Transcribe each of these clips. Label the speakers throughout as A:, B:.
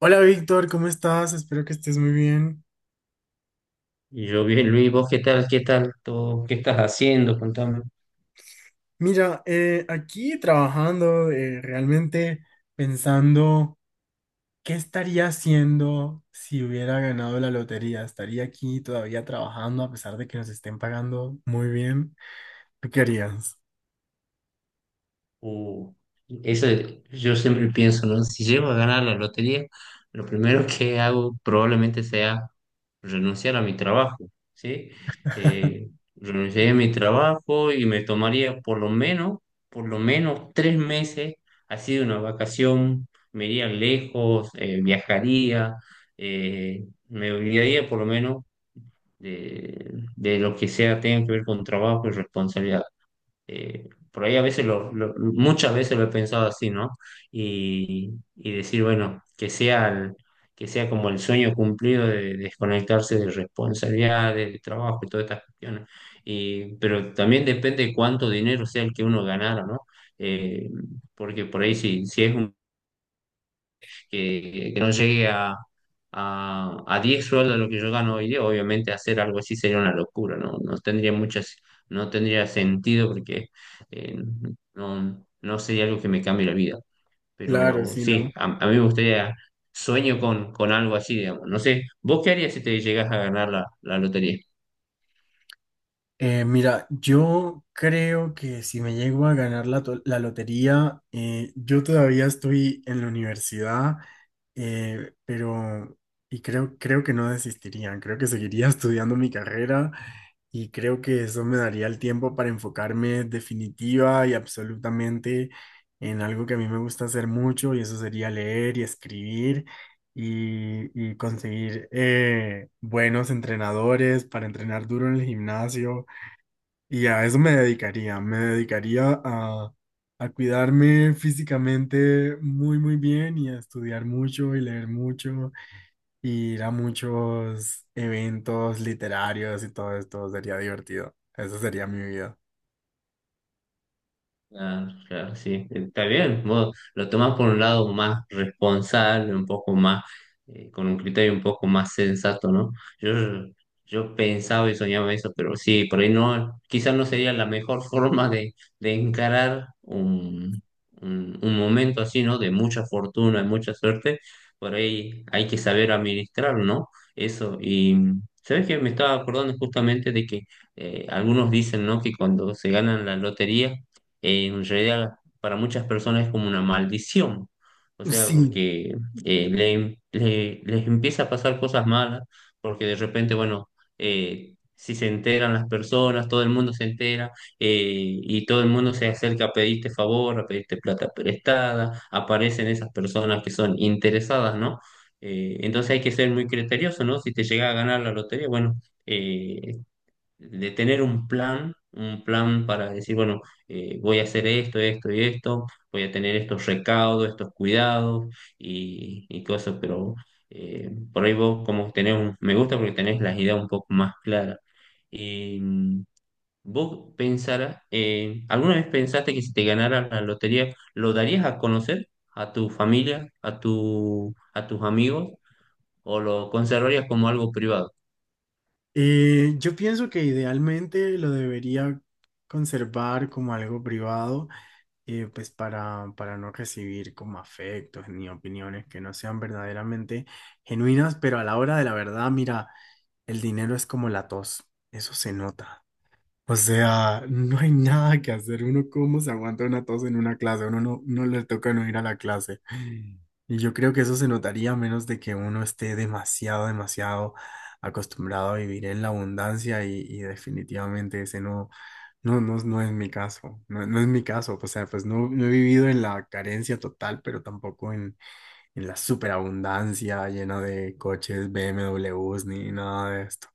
A: Hola Víctor, ¿cómo estás? Espero que estés muy bien.
B: Y yo, bien, Luis, ¿vos qué tal? ¿Qué tal? ¿Todo? ¿Qué estás haciendo? Contame.
A: Mira, aquí trabajando, realmente pensando qué estaría haciendo si hubiera ganado la lotería. ¿Estaría aquí todavía trabajando a pesar de que nos estén pagando muy bien? ¿Tú qué harías?
B: Uh, eso yo siempre pienso, ¿no? Si llego a ganar la lotería, lo primero que hago probablemente sea renunciar a mi trabajo, ¿sí? Eh, Renunciaría a mi trabajo y me tomaría por lo menos 3 meses, así de una vacación, me iría lejos, viajaría, me olvidaría por lo menos de lo que sea tenga que ver con trabajo y responsabilidad. Por ahí a veces, muchas veces lo he pensado así, ¿no? Y decir, bueno, que sea, que sea como el sueño cumplido de desconectarse de responsabilidades, de trabajo y todas estas cuestiones. Y, pero también depende de cuánto dinero sea el que uno ganara, ¿no? Eh, Porque por ahí si es un que no llegue a 10 sueldos lo que yo gano hoy día, obviamente hacer algo así sería una locura, ¿no? No tendría muchas, no tendría sentido porque eh, no sería algo que me cambie la vida.
A: Claro,
B: Pero
A: sí,
B: sí,
A: ¿no?
B: a mí me gustaría, sueño con algo así, digamos. No sé, ¿vos qué harías si te llegas a ganar la lotería?
A: Mira, yo creo que si me llego a ganar la, la lotería, yo todavía estoy en la universidad, pero y creo que no desistiría, creo que seguiría estudiando mi carrera y creo que eso me daría el tiempo para enfocarme definitiva y absolutamente en algo que a mí me gusta hacer mucho, y eso sería leer y escribir y conseguir buenos entrenadores para entrenar duro en el gimnasio, y a eso me dedicaría a cuidarme físicamente muy, muy bien y a estudiar mucho y leer mucho, y ir a muchos eventos literarios, y todo esto sería divertido. Esa sería mi vida.
B: Claro, claro, sí, está bien. Vos lo tomás por un lado más responsable, un poco más, con un criterio un poco más sensato, ¿no? Yo, yo pensaba y soñaba eso, pero sí, por ahí no, quizás no sería la mejor forma de encarar un, un momento así, ¿no? De mucha fortuna y mucha suerte, por ahí hay que saber administrarlo, ¿no? Eso, y sabes que me estaba acordando justamente de que algunos dicen, ¿no? Que cuando se ganan la lotería, en realidad para muchas personas es como una maldición. O sea,
A: Sí,
B: porque les empieza a pasar cosas malas, porque de repente, bueno, si se enteran las personas, todo el mundo se entera eh, y todo el mundo se acerca a pedirte favor, a pedirte plata prestada, aparecen esas personas que son interesadas, ¿no? Entonces hay que ser muy criterioso, ¿no? Si te llega a ganar la lotería, bueno, eh, de tener un plan para decir, bueno, voy a hacer esto, esto y esto, voy a tener estos recaudos, estos cuidados y cosas, pero por ahí vos como tenés, me gusta porque tenés las ideas un poco más claras. Y mm, vos pensarás, ¿alguna vez pensaste que si te ganara la lotería, lo darías a conocer a tu familia, a tus amigos, o lo conservarías como algo privado?
A: yo pienso que idealmente lo debería conservar como algo privado, pues para no recibir como afectos ni opiniones que no sean verdaderamente genuinas, pero a la hora de la verdad, mira. El dinero es como la tos, eso se nota. O sea, no hay nada que hacer. Uno cómo se aguanta una tos en una clase, uno no le toca no ir a la clase. Y yo creo que eso se notaría a menos de que uno esté demasiado, demasiado acostumbrado a vivir en la abundancia, y definitivamente ese no es mi caso. No, no es mi caso. O sea, pues no, no he vivido en la carencia total, pero tampoco en la superabundancia llena de coches, BMWs ni nada de esto.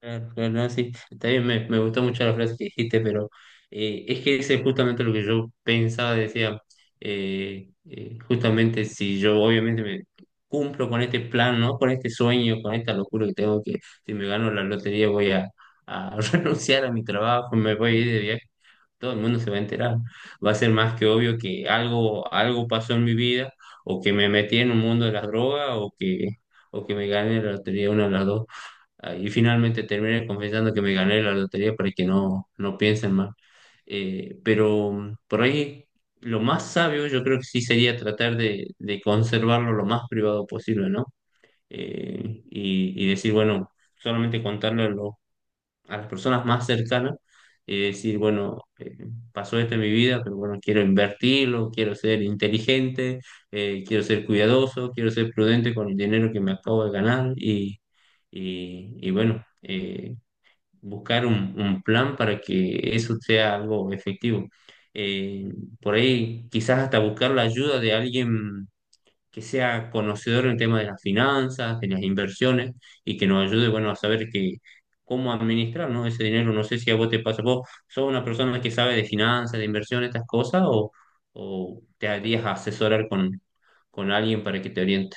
B: Claro, claro, no, sí, está bien, me gustó mucho la frase que dijiste, pero es que ese es justamente lo que yo pensaba, decía, justamente si yo obviamente me cumplo con este plan, ¿no? Con este sueño, con esta locura que tengo, que si me gano la lotería voy a renunciar a mi trabajo, me voy a ir de viaje, todo el mundo se va a enterar, va a ser más que obvio que algo, algo pasó en mi vida, o que me metí en un mundo de las drogas, o que me gané la lotería, una de las dos. Ah, y finalmente terminé confesando que me gané la lotería para que no piensen mal. Pero mm, por ahí lo más sabio yo creo que sí sería tratar de conservarlo lo más privado posible, ¿no? Y decir, bueno, solamente contarle a las personas más cercanas y decir, bueno, pasó esto en mi vida, pero bueno, quiero invertirlo, quiero ser inteligente, quiero ser cuidadoso, quiero ser prudente con el dinero que me acabo de ganar y bueno, buscar un plan para que eso sea algo efectivo. Eh, por ahí quizás hasta buscar la ayuda de alguien que sea conocedor en el tema de las finanzas, de las inversiones y que nos ayude, bueno, a saber que cómo administrar, ¿no? Ese dinero. No sé si a vos te pasa, vos sos una persona que sabe de finanzas, de inversiones, estas cosas, o te harías asesorar con alguien para que te oriente.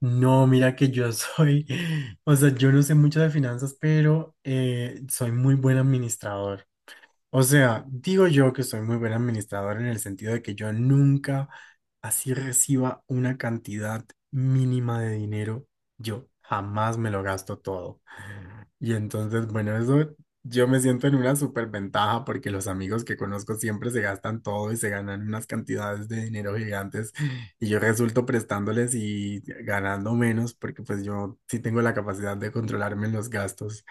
A: No, mira que yo soy, o sea, yo no sé mucho de finanzas, pero soy muy buen administrador. O sea, digo yo que soy muy buen administrador en el sentido de que yo nunca así reciba una cantidad mínima de dinero, yo jamás me lo gasto todo. Y entonces, bueno, eso yo me siento en una superventaja porque los amigos que conozco siempre se gastan todo y se ganan unas cantidades de dinero gigantes, y yo resulto prestándoles y ganando menos porque pues yo sí tengo la capacidad de controlarme en los gastos.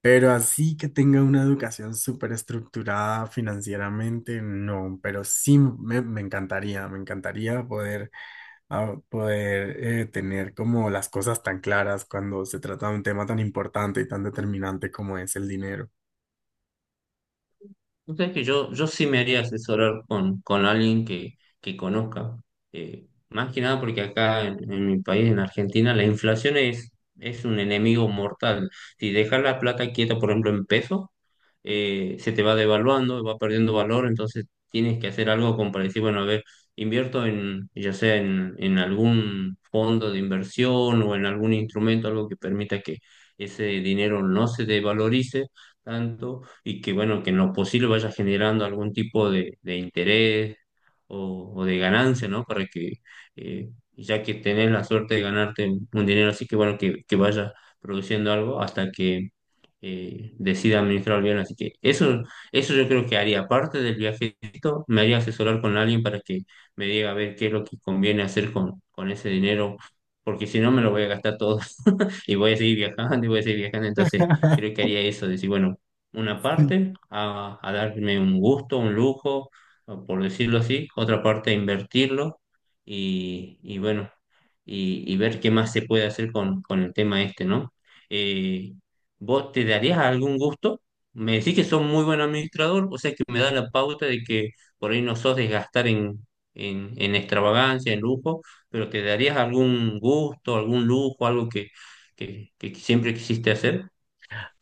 A: Pero así que tenga una educación súper estructurada financieramente, no, pero sí me, me encantaría poder tener como las cosas tan claras cuando se trata de un tema tan importante y tan determinante como es el dinero.
B: Vos sabés que yo sí me haría asesorar con alguien que conozca. Más que nada porque acá en mi país, en Argentina, la inflación es un enemigo mortal. Si dejas la plata quieta, por ejemplo, en pesos, se te va devaluando, va perdiendo valor, entonces tienes que hacer algo como para decir, bueno, a ver, invierto en, ya sea en algún fondo de inversión o en algún instrumento, algo que permita que ese dinero no se devalorice tanto y que, bueno, que en lo posible vaya generando algún tipo de interés o de ganancia, ¿no? Para que, eh, ya que tenés la suerte de ganarte un dinero así, que, bueno, que vaya produciendo algo hasta que decida administrar bien. Así que eso yo creo que haría. Aparte del viajecito, me haría asesorar con alguien para que me diga a ver qué es lo que conviene hacer con ese dinero, porque si no me lo voy a gastar todo. Y voy a seguir viajando y voy a seguir viajando. Entonces, creo que haría eso, decir, bueno, una parte a darme un gusto, un lujo, o por decirlo así, otra parte a invertirlo y bueno, y ver qué más se puede hacer con el tema este, ¿no? Eh, ¿Vos te darías algún gusto? Me decís que sos muy buen administrador, o sea que me da la pauta de que por ahí no sos de gastar en, en extravagancia, en lujo, pero ¿te darías algún gusto, algún lujo, algo que, que siempre quisiste hacer?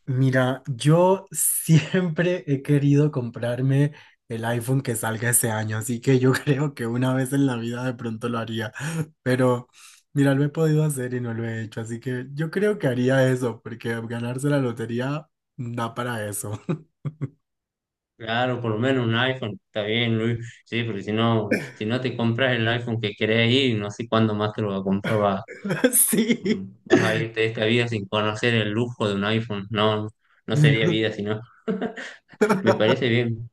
A: Mira, yo siempre he querido comprarme el iPhone que salga ese año, así que yo creo que una vez en la vida de pronto lo haría, pero mira, lo he podido hacer y no lo he hecho, así que yo creo que haría eso, porque ganarse la lotería da para eso.
B: Claro, por lo menos un iPhone, está bien, Luis. Sí, porque si no, si no te compras el iPhone que querés ir, no sé cuándo más te lo vas a comprar, vas, mm,
A: Sí.
B: vas a irte de esta vida sin conocer el lujo de un iPhone. No, no sería vida, sino me parece bien.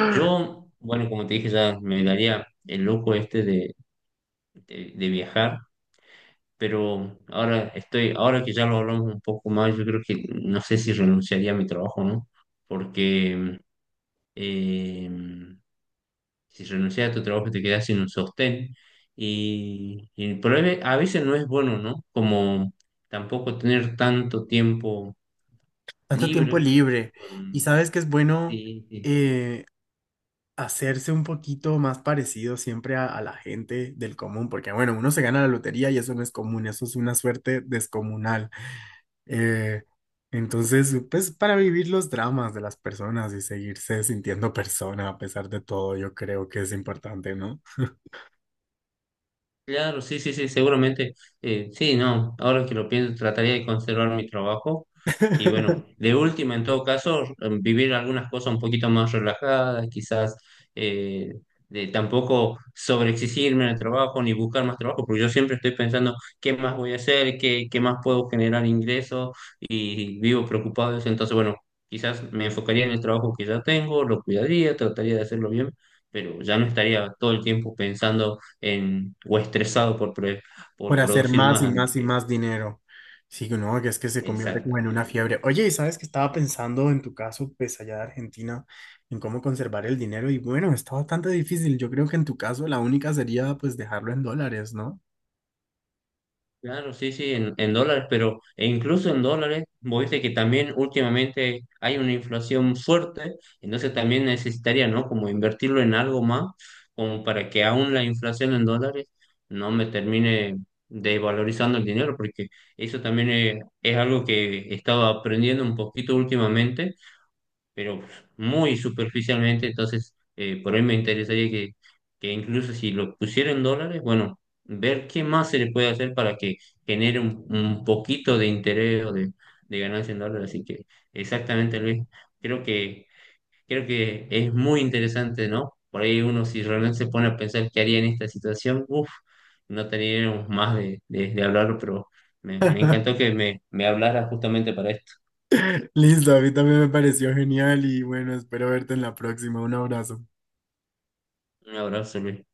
B: Yo, bueno, como te dije, ya me daría el lujo este de, de viajar, pero ahora estoy, ahora que ya lo hablamos un poco más, yo creo que no sé si renunciaría a mi trabajo, ¿no? Porque eh, si renuncias a tu trabajo te quedas sin un sostén y el problema a veces no es bueno, ¿no? Como tampoco tener tanto tiempo
A: Tanto tiempo
B: libre.
A: libre. Y
B: um,
A: sabes que es bueno
B: sí, sí.
A: eh, hacerse un poquito más parecido siempre a la gente del común, porque bueno, uno se gana la lotería y eso no es común, eso es una suerte descomunal. Eh, entonces, pues para vivir los dramas de las personas y seguirse sintiendo persona a pesar de todo, yo creo que es importante, ¿no?
B: Claro, sí, sí, sí, seguramente. Sí, no, ahora que lo pienso, trataría de conservar mi trabajo. Y bueno, de última, en todo caso, vivir algunas cosas un poquito más relajadas, quizás eh, de tampoco sobreexigirme en el trabajo ni buscar más trabajo, porque yo siempre estoy pensando qué más voy a hacer, qué más puedo generar ingresos y vivo preocupado de eso. Entonces, bueno, quizás me enfocaría en el trabajo que ya tengo, lo cuidaría, trataría de hacerlo bien, pero ya no estaría todo el tiempo pensando en, o estresado por,
A: Por
B: por
A: hacer
B: producir
A: más
B: más.
A: y
B: Así
A: más y
B: que...
A: más dinero. Sí, no, que es que se convierte como en una
B: exactamente.
A: fiebre. Oye, y sabes que estaba pensando en tu caso, pues allá de Argentina, en cómo conservar el dinero, y bueno, está bastante difícil. Yo creo que en tu caso la única sería pues dejarlo en dólares, ¿no?
B: Claro, sí, sí, en dólares, pero e incluso en dólares, vos viste que también últimamente hay una inflación fuerte, entonces también necesitaría, ¿no? Como invertirlo en algo más, como para que aún la inflación en dólares no me termine desvalorizando el dinero, porque eso también es algo que he estado aprendiendo un poquito últimamente, pero muy superficialmente, entonces por ahí me interesaría que incluso si lo pusiera en dólares, bueno, ver qué más se le puede hacer para que genere un poquito de interés o de ganancia en dólares. Así que exactamente, Luis, creo que, creo que es muy interesante, ¿no? Por ahí uno si realmente se pone a pensar qué haría en esta situación, uff, no tendríamos más de hablarlo, pero me encantó que me hablara justamente para esto.
A: Listo, a mí también me pareció genial y bueno, espero verte en la próxima. Un abrazo.
B: Un abrazo, Luis.